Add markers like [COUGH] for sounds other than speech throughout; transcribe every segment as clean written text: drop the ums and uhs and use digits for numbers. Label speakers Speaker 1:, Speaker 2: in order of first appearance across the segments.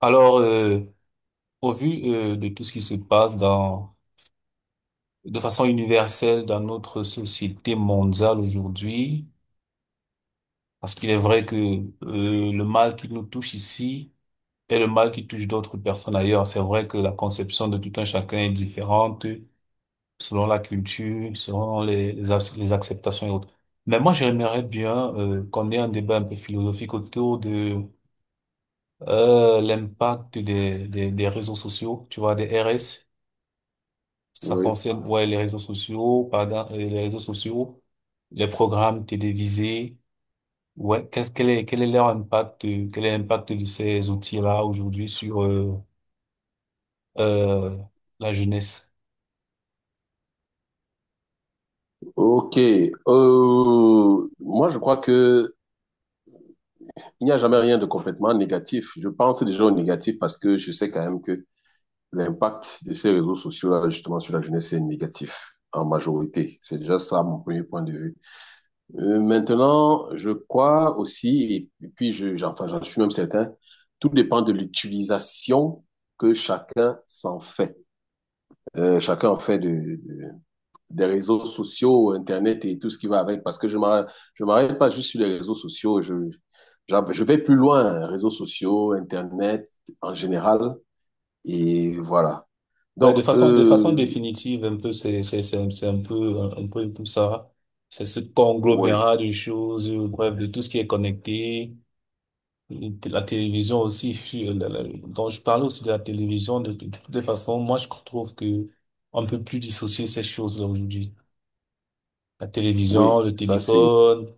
Speaker 1: Alors, euh, au vu de tout ce qui se passe de façon universelle dans notre société mondiale aujourd'hui, parce qu'il est vrai que le mal qui nous touche ici est le mal qui touche d'autres personnes ailleurs. C'est vrai que la conception de tout un chacun est différente selon la culture, selon les acceptations et autres. Mais moi, j'aimerais bien qu'on ait un débat un peu philosophique autour de l'impact des réseaux sociaux, tu vois, des RS. Ça
Speaker 2: Oui.
Speaker 1: concerne, ouais, les réseaux sociaux, pardon, les réseaux sociaux, les programmes télévisés. Quel est leur impact, quel est l'impact de ces outils-là aujourd'hui sur, euh, la jeunesse?
Speaker 2: Ok. Moi, je crois que il n'y a jamais rien de complètement négatif. Je pense déjà au négatif parce que je sais quand même que l'impact de ces réseaux sociaux-là, justement, sur la jeunesse est négatif en majorité. C'est déjà ça mon premier point de vue. Maintenant, je crois aussi, et puis j'en suis même certain, tout dépend de l'utilisation que chacun s'en fait. Chacun en fait de, des réseaux sociaux, Internet et tout ce qui va avec, parce que je ne m'arrête pas juste sur les réseaux sociaux, je vais plus loin, réseaux sociaux, Internet en général, et voilà.
Speaker 1: Ouais, de
Speaker 2: Donc,
Speaker 1: façon définitive, un peu, c'est un peu, peu tout ça. C'est ce
Speaker 2: oui,
Speaker 1: conglomérat de choses, bref, de tout ce qui est connecté. La télévision aussi, dont je parlais aussi de la télévision, de toutes les façons, moi je trouve que on ne peut plus dissocier ces choses-là aujourd'hui. La télévision,
Speaker 2: oui,
Speaker 1: le
Speaker 2: ça c'est...
Speaker 1: téléphone,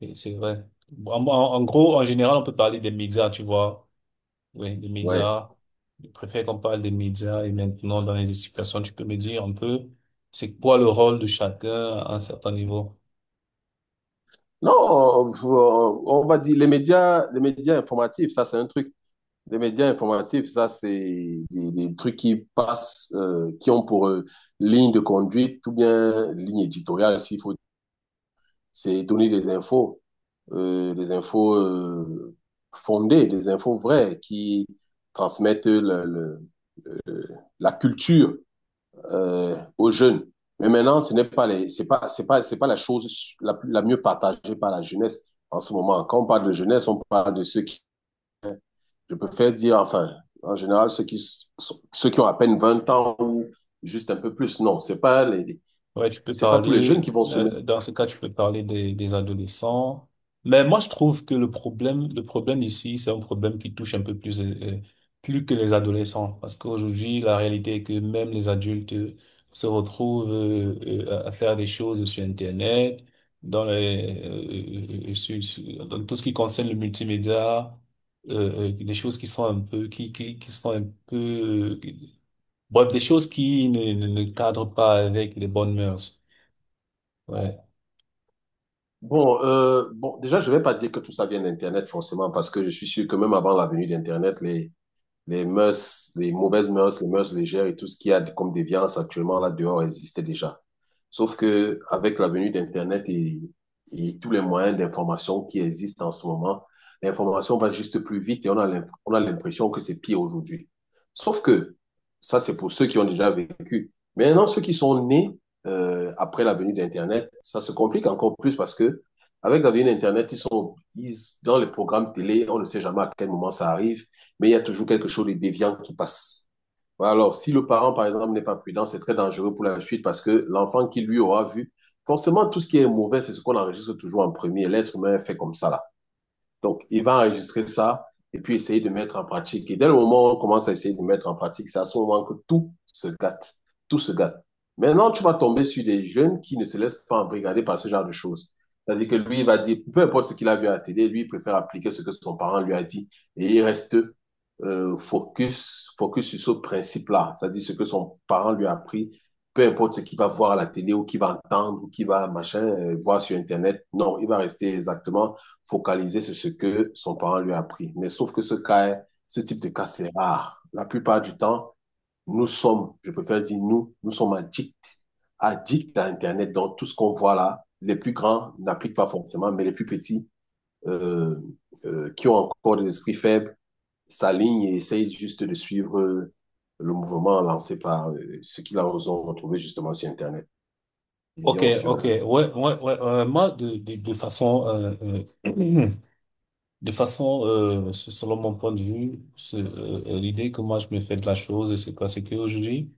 Speaker 1: et c'est vrai. Bon, en gros, en général, on peut parler des médias, tu vois. Oui, des
Speaker 2: Ouais.
Speaker 1: médias. Je préfère qu'on parle des médias et maintenant dans les explications, tu peux me dire un peu c'est quoi le rôle de chacun à un certain niveau.
Speaker 2: Non, on va dire les médias informatifs, ça c'est un truc. Les médias informatifs, ça c'est des trucs qui passent, qui ont pour ligne de conduite ou bien ligne éditoriale, s'il faut c'est donner des infos fondées, des infos vraies qui transmettent la culture aux jeunes. Mais maintenant, ce n'est pas les, c'est pas, c'est pas, c'est pas la chose la mieux partagée par la jeunesse en ce moment. Quand on parle de jeunesse, on parle de je préfère dire, enfin, en général, ceux qui ont à peine 20 ans ou juste un peu plus.
Speaker 1: Ouais, tu peux
Speaker 2: C'est pas tous les jeunes qui
Speaker 1: parler,
Speaker 2: vont se mettre.
Speaker 1: dans ce cas, tu peux parler des adolescents. Mais moi, je trouve que le problème ici, c'est un problème qui touche un peu plus, plus que les adolescents. Parce qu'aujourd'hui, la réalité est que même les adultes se retrouvent à faire des choses sur Internet, dans dans tout ce qui concerne le multimédia, des choses qui sont un peu, qui sont un peu, bref, des choses qui ne cadrent pas avec les bonnes mœurs. Ouais.
Speaker 2: Bon, déjà, je vais pas dire que tout ça vient d'Internet forcément, parce que je suis sûr que même avant la venue d'Internet, les mœurs, les mauvaises mœurs, les mœurs légères et tout ce qu'il y a comme déviance actuellement là dehors existait déjà. Sauf que avec la venue d'Internet et tous les moyens d'information qui existent en ce moment, l'information va juste plus vite et on a l'impression que c'est pire aujourd'hui. Sauf que ça, c'est pour ceux qui ont déjà vécu. Maintenant, ceux qui sont nés après la venue d'Internet, ça se complique encore plus parce que avec la venue d'Internet, dans les programmes télé, on ne sait jamais à quel moment ça arrive, mais il y a toujours quelque chose de déviant qui passe. Ouais. Alors, si le parent, par exemple, n'est pas prudent, c'est très dangereux pour la suite parce que l'enfant qui lui aura vu, forcément, tout ce qui est mauvais, c'est ce qu'on enregistre toujours en premier. L'être humain est fait comme ça. Donc, il va enregistrer ça et puis essayer de mettre en pratique. Et dès le moment où on commence à essayer de mettre en pratique, c'est à ce moment que tout se gâte. Tout se gâte. Maintenant, tu vas tomber sur des jeunes qui ne se laissent pas embrigader par ce genre de choses. C'est-à-dire que lui, il va dire, peu importe ce qu'il a vu à la télé, lui, il préfère appliquer ce que son parent lui a dit. Et il reste focus sur ce principe-là. C'est-à-dire ce que son parent lui a appris, peu importe ce qu'il va voir à la télé ou qu'il va entendre ou qu'il va machin, voir sur Internet. Non, il va rester exactement focaliser sur ce que son parent lui a appris. Mais sauf que ce type de cas, c'est rare. La plupart du temps, je préfère dire nous, addicts à Internet. Donc, tout ce qu'on voit là, les plus grands n'appliquent pas forcément, mais les plus petits, euh, qui ont encore des esprits faibles, s'alignent et essayent juste de suivre le mouvement lancé par ce qu'ils ont retrouvé justement sur Internet. Ils y
Speaker 1: Ok,
Speaker 2: ont sur...
Speaker 1: ok. Ouais, ouais, ouais, ouais. Moi, de façon, euh, [CLEARS THROAT] de façon, selon mon point de vue, l'idée que moi je me fais de la chose, c'est quoi? C'est qu'aujourd'hui,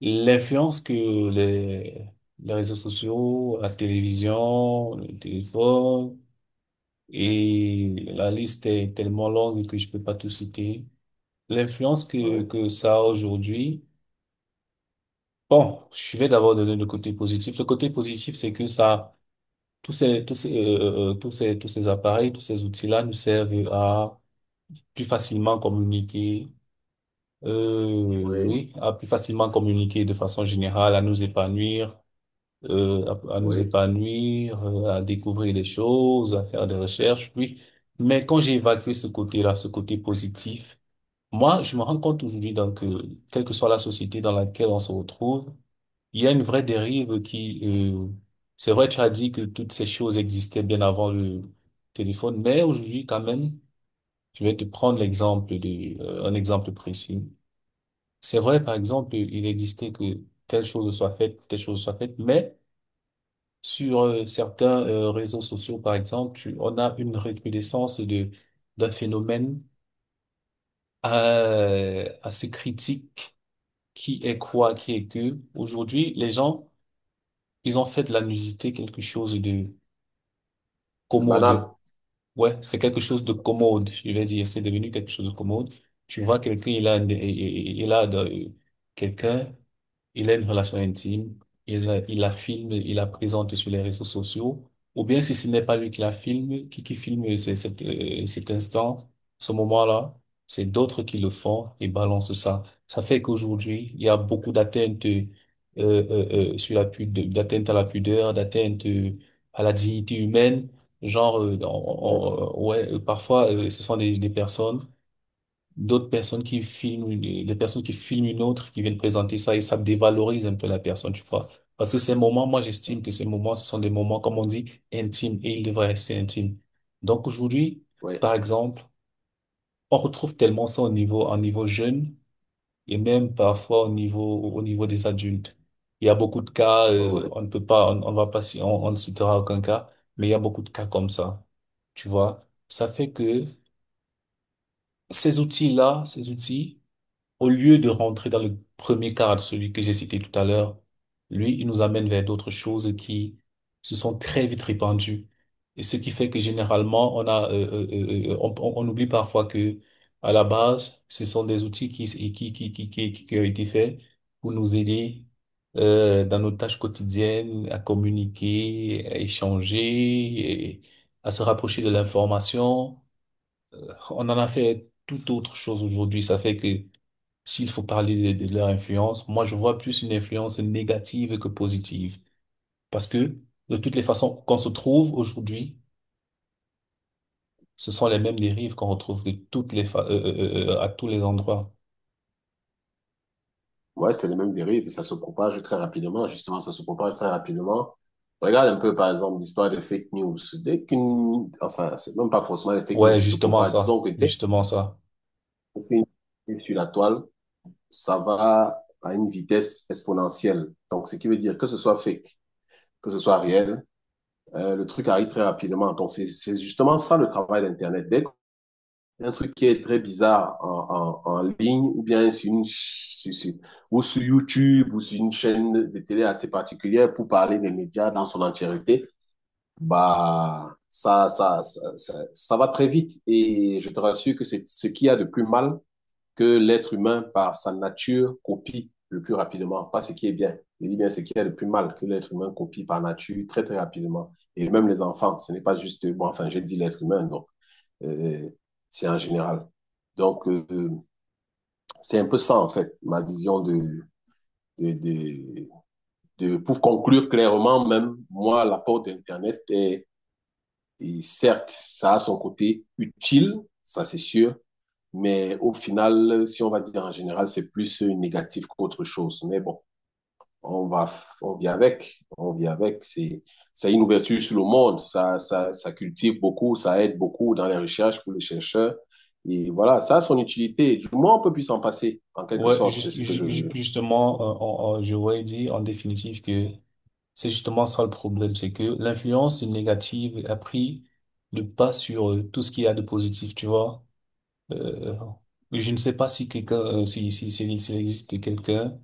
Speaker 1: l'influence que les, les réseaux sociaux, la télévision, le téléphone, et la liste est tellement longue que je peux pas tout citer. L'influence
Speaker 2: Oui,
Speaker 1: que ça a aujourd'hui. Bon, je vais d'abord donner le côté positif. Le côté positif, c'est que ça, tous ces, tous ces, tous ces, tous ces appareils, tous ces outils-là nous servent à plus facilement communiquer,
Speaker 2: oui,
Speaker 1: oui, à plus facilement communiquer de façon générale, à nous épanouir, euh, à nous
Speaker 2: oui.
Speaker 1: épanouir, à découvrir des choses, à faire des recherches, oui. Mais quand j'ai évacué ce côté-là, ce côté positif, moi, je me rends compte aujourd'hui, donc, que quelle que soit la société dans laquelle on se retrouve, il y a une vraie dérive qui, euh, c'est vrai, tu as dit que toutes ces choses existaient bien avant le téléphone, mais aujourd'hui, quand même, je vais te prendre l'exemple de, un exemple précis. C'est vrai, par exemple, il existait que telle chose soit faite, telle chose soit faite, mais sur certains réseaux sociaux, par exemple, on a une recrudescence de, d'un phénomène assez critique qui est quoi, qui est que aujourd'hui, les gens, ils ont fait de la nudité quelque chose de
Speaker 2: C'est banal.
Speaker 1: commode. Ouais, c'est quelque chose de commode, je vais dire. C'est devenu quelque chose de commode. Tu vois quelqu'un, il a quelqu'un il a une relation intime, il la filme, il la présente sur les réseaux sociaux, ou bien si ce n'est pas lui qui la filme, qui filme cet, cet instant, ce moment-là, c'est d'autres qui le font et balancent ça. Ça fait qu'aujourd'hui, il y a beaucoup d'atteintes sur la pudeur, d'atteintes à la pudeur, d'atteintes à la dignité humaine. Genre,
Speaker 2: Oui,
Speaker 1: ouais, parfois, ce sont des personnes, d'autres personnes qui filment, les personnes qui filment une autre, qui viennent présenter ça et ça dévalorise un peu la personne, tu vois. Parce que ces moments, moi, j'estime que ces moments, ce sont des moments, comme on dit, intimes et ils devraient rester intimes. Donc aujourd'hui,
Speaker 2: oui,
Speaker 1: par exemple, on retrouve tellement ça au niveau jeune et même parfois au niveau des adultes. Il y a beaucoup de cas,
Speaker 2: oui.
Speaker 1: on ne peut pas, on va pas, on ne citera aucun cas, mais il y a beaucoup de cas comme ça. Tu vois, ça fait que ces outils, au lieu de rentrer dans le premier cadre, celui que j'ai cité tout à l'heure, lui, il nous amène vers d'autres choses qui se sont très vite répandues. Et ce qui fait que généralement, on oublie parfois que, à la base, ce sont des outils qui ont été faits pour nous aider, dans nos tâches quotidiennes, à communiquer, à échanger, et à se rapprocher de l'information. On en a fait toute autre chose aujourd'hui. Ça fait que s'il faut parler de leur influence, moi je vois plus une influence négative que positive. Parce que de toutes les façons qu'on se trouve aujourd'hui, ce sont les mêmes dérives qu'on retrouve de toutes les à tous les endroits.
Speaker 2: Ouais, c'est les mêmes dérives et ça se propage très rapidement. Justement, ça se propage très rapidement. Regarde un peu, par exemple, l'histoire des fake news. C'est même pas forcément les fake news
Speaker 1: Ouais,
Speaker 2: qui se
Speaker 1: justement
Speaker 2: propagent. Disons
Speaker 1: ça,
Speaker 2: que dès
Speaker 1: justement ça.
Speaker 2: qu'une est sur la toile, ça va à une vitesse exponentielle. Donc, ce qui veut dire que ce soit fake, que ce soit réel, le truc arrive très rapidement. Donc, c'est justement ça le travail d'Internet. Dès un truc qui est très bizarre en ligne, ou bien sur une, ch- sur- sur- ou sur YouTube, ou sur une chaîne de télé assez particulière pour parler des médias dans son entièreté. Bah, ça va très vite. Et je te rassure que c'est ce qu'il y a de plus mal que l'être humain, par sa nature, copie le plus rapidement. Pas ce qui est bien. Je dis bien ce qu'il y a de plus mal que l'être humain copie par nature très, très rapidement. Et même les enfants, ce n'est pas juste, j'ai dit l'être humain, non euh, c'est en général. Donc, c'est un peu ça, en fait, ma vision de, de, de. Pour conclure clairement, même, moi, l'apport d'Internet est, et certes, ça a son côté utile, ça c'est sûr, mais au final, si on va dire en général, c'est plus négatif qu'autre chose. Mais bon. on va, on vit avec, on vit avec. C'est une ouverture sur le monde, ça cultive beaucoup, ça aide beaucoup dans les recherches pour les chercheurs. Et voilà, ça a son utilité. Du moins, on peut plus s'en passer, en quelque
Speaker 1: Ouais,
Speaker 2: sorte, c'est ce que je veux.
Speaker 1: justement, je voudrais dire en définitive que c'est justement ça le problème, c'est que l'influence négative a pris le pas sur tout ce qu'il y a de positif, tu vois. Euh, je ne sais pas si quelqu'un, s'il existe quelqu'un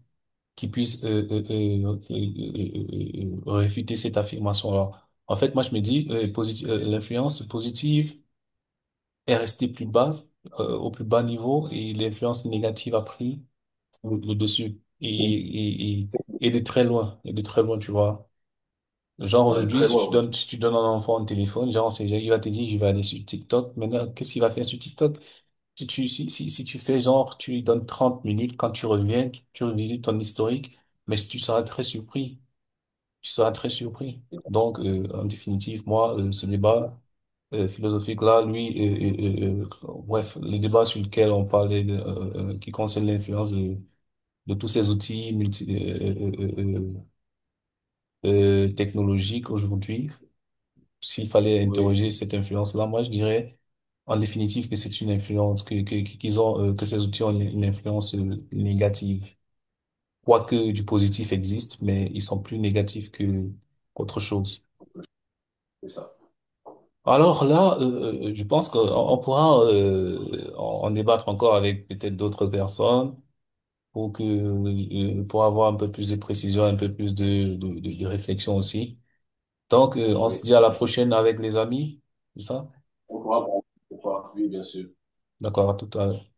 Speaker 1: qui puisse réfuter cette affirmation-là. En fait, moi, je me dis, l'influence positive est restée plus bas, au plus bas niveau, et l'influence négative a pris le dessus.
Speaker 2: Oui.
Speaker 1: Et de très loin, et de très loin, tu vois. Genre
Speaker 2: Dans les
Speaker 1: aujourd'hui,
Speaker 2: très loin, oui.
Speaker 1: si tu donnes à un enfant un téléphone, genre, c'est, il va te dire, je vais aller sur TikTok. Maintenant, qu'est-ce qu'il va faire sur TikTok? Si tu fais genre, tu lui donnes 30 minutes, quand tu reviens, tu revisites ton historique, mais tu seras très surpris. Tu seras très surpris. Donc, en définitive, moi, ce débat philosophique-là, bref, le débat sur lequel on parlait, qui concerne l'influence de tous ces outils technologiques aujourd'hui, s'il fallait
Speaker 2: Oui,
Speaker 1: interroger cette influence-là, moi, je dirais en définitive que c'est une influence, qu'ils ont, que ces outils ont une influence négative. Quoique du positif existe, mais ils sont plus négatifs que qu'autre chose.
Speaker 2: c'est ça.
Speaker 1: Alors là, je pense qu'on on pourra en débattre encore avec peut-être d'autres personnes pour que pour avoir un peu plus de précision, un peu plus de réflexion aussi. Donc, on se
Speaker 2: Oui,
Speaker 1: dit à la
Speaker 2: c'est ça.
Speaker 1: prochaine avec les amis, c'est ça?
Speaker 2: On pourra, oui, bien sûr.
Speaker 1: D'accord, à tout à l'heure.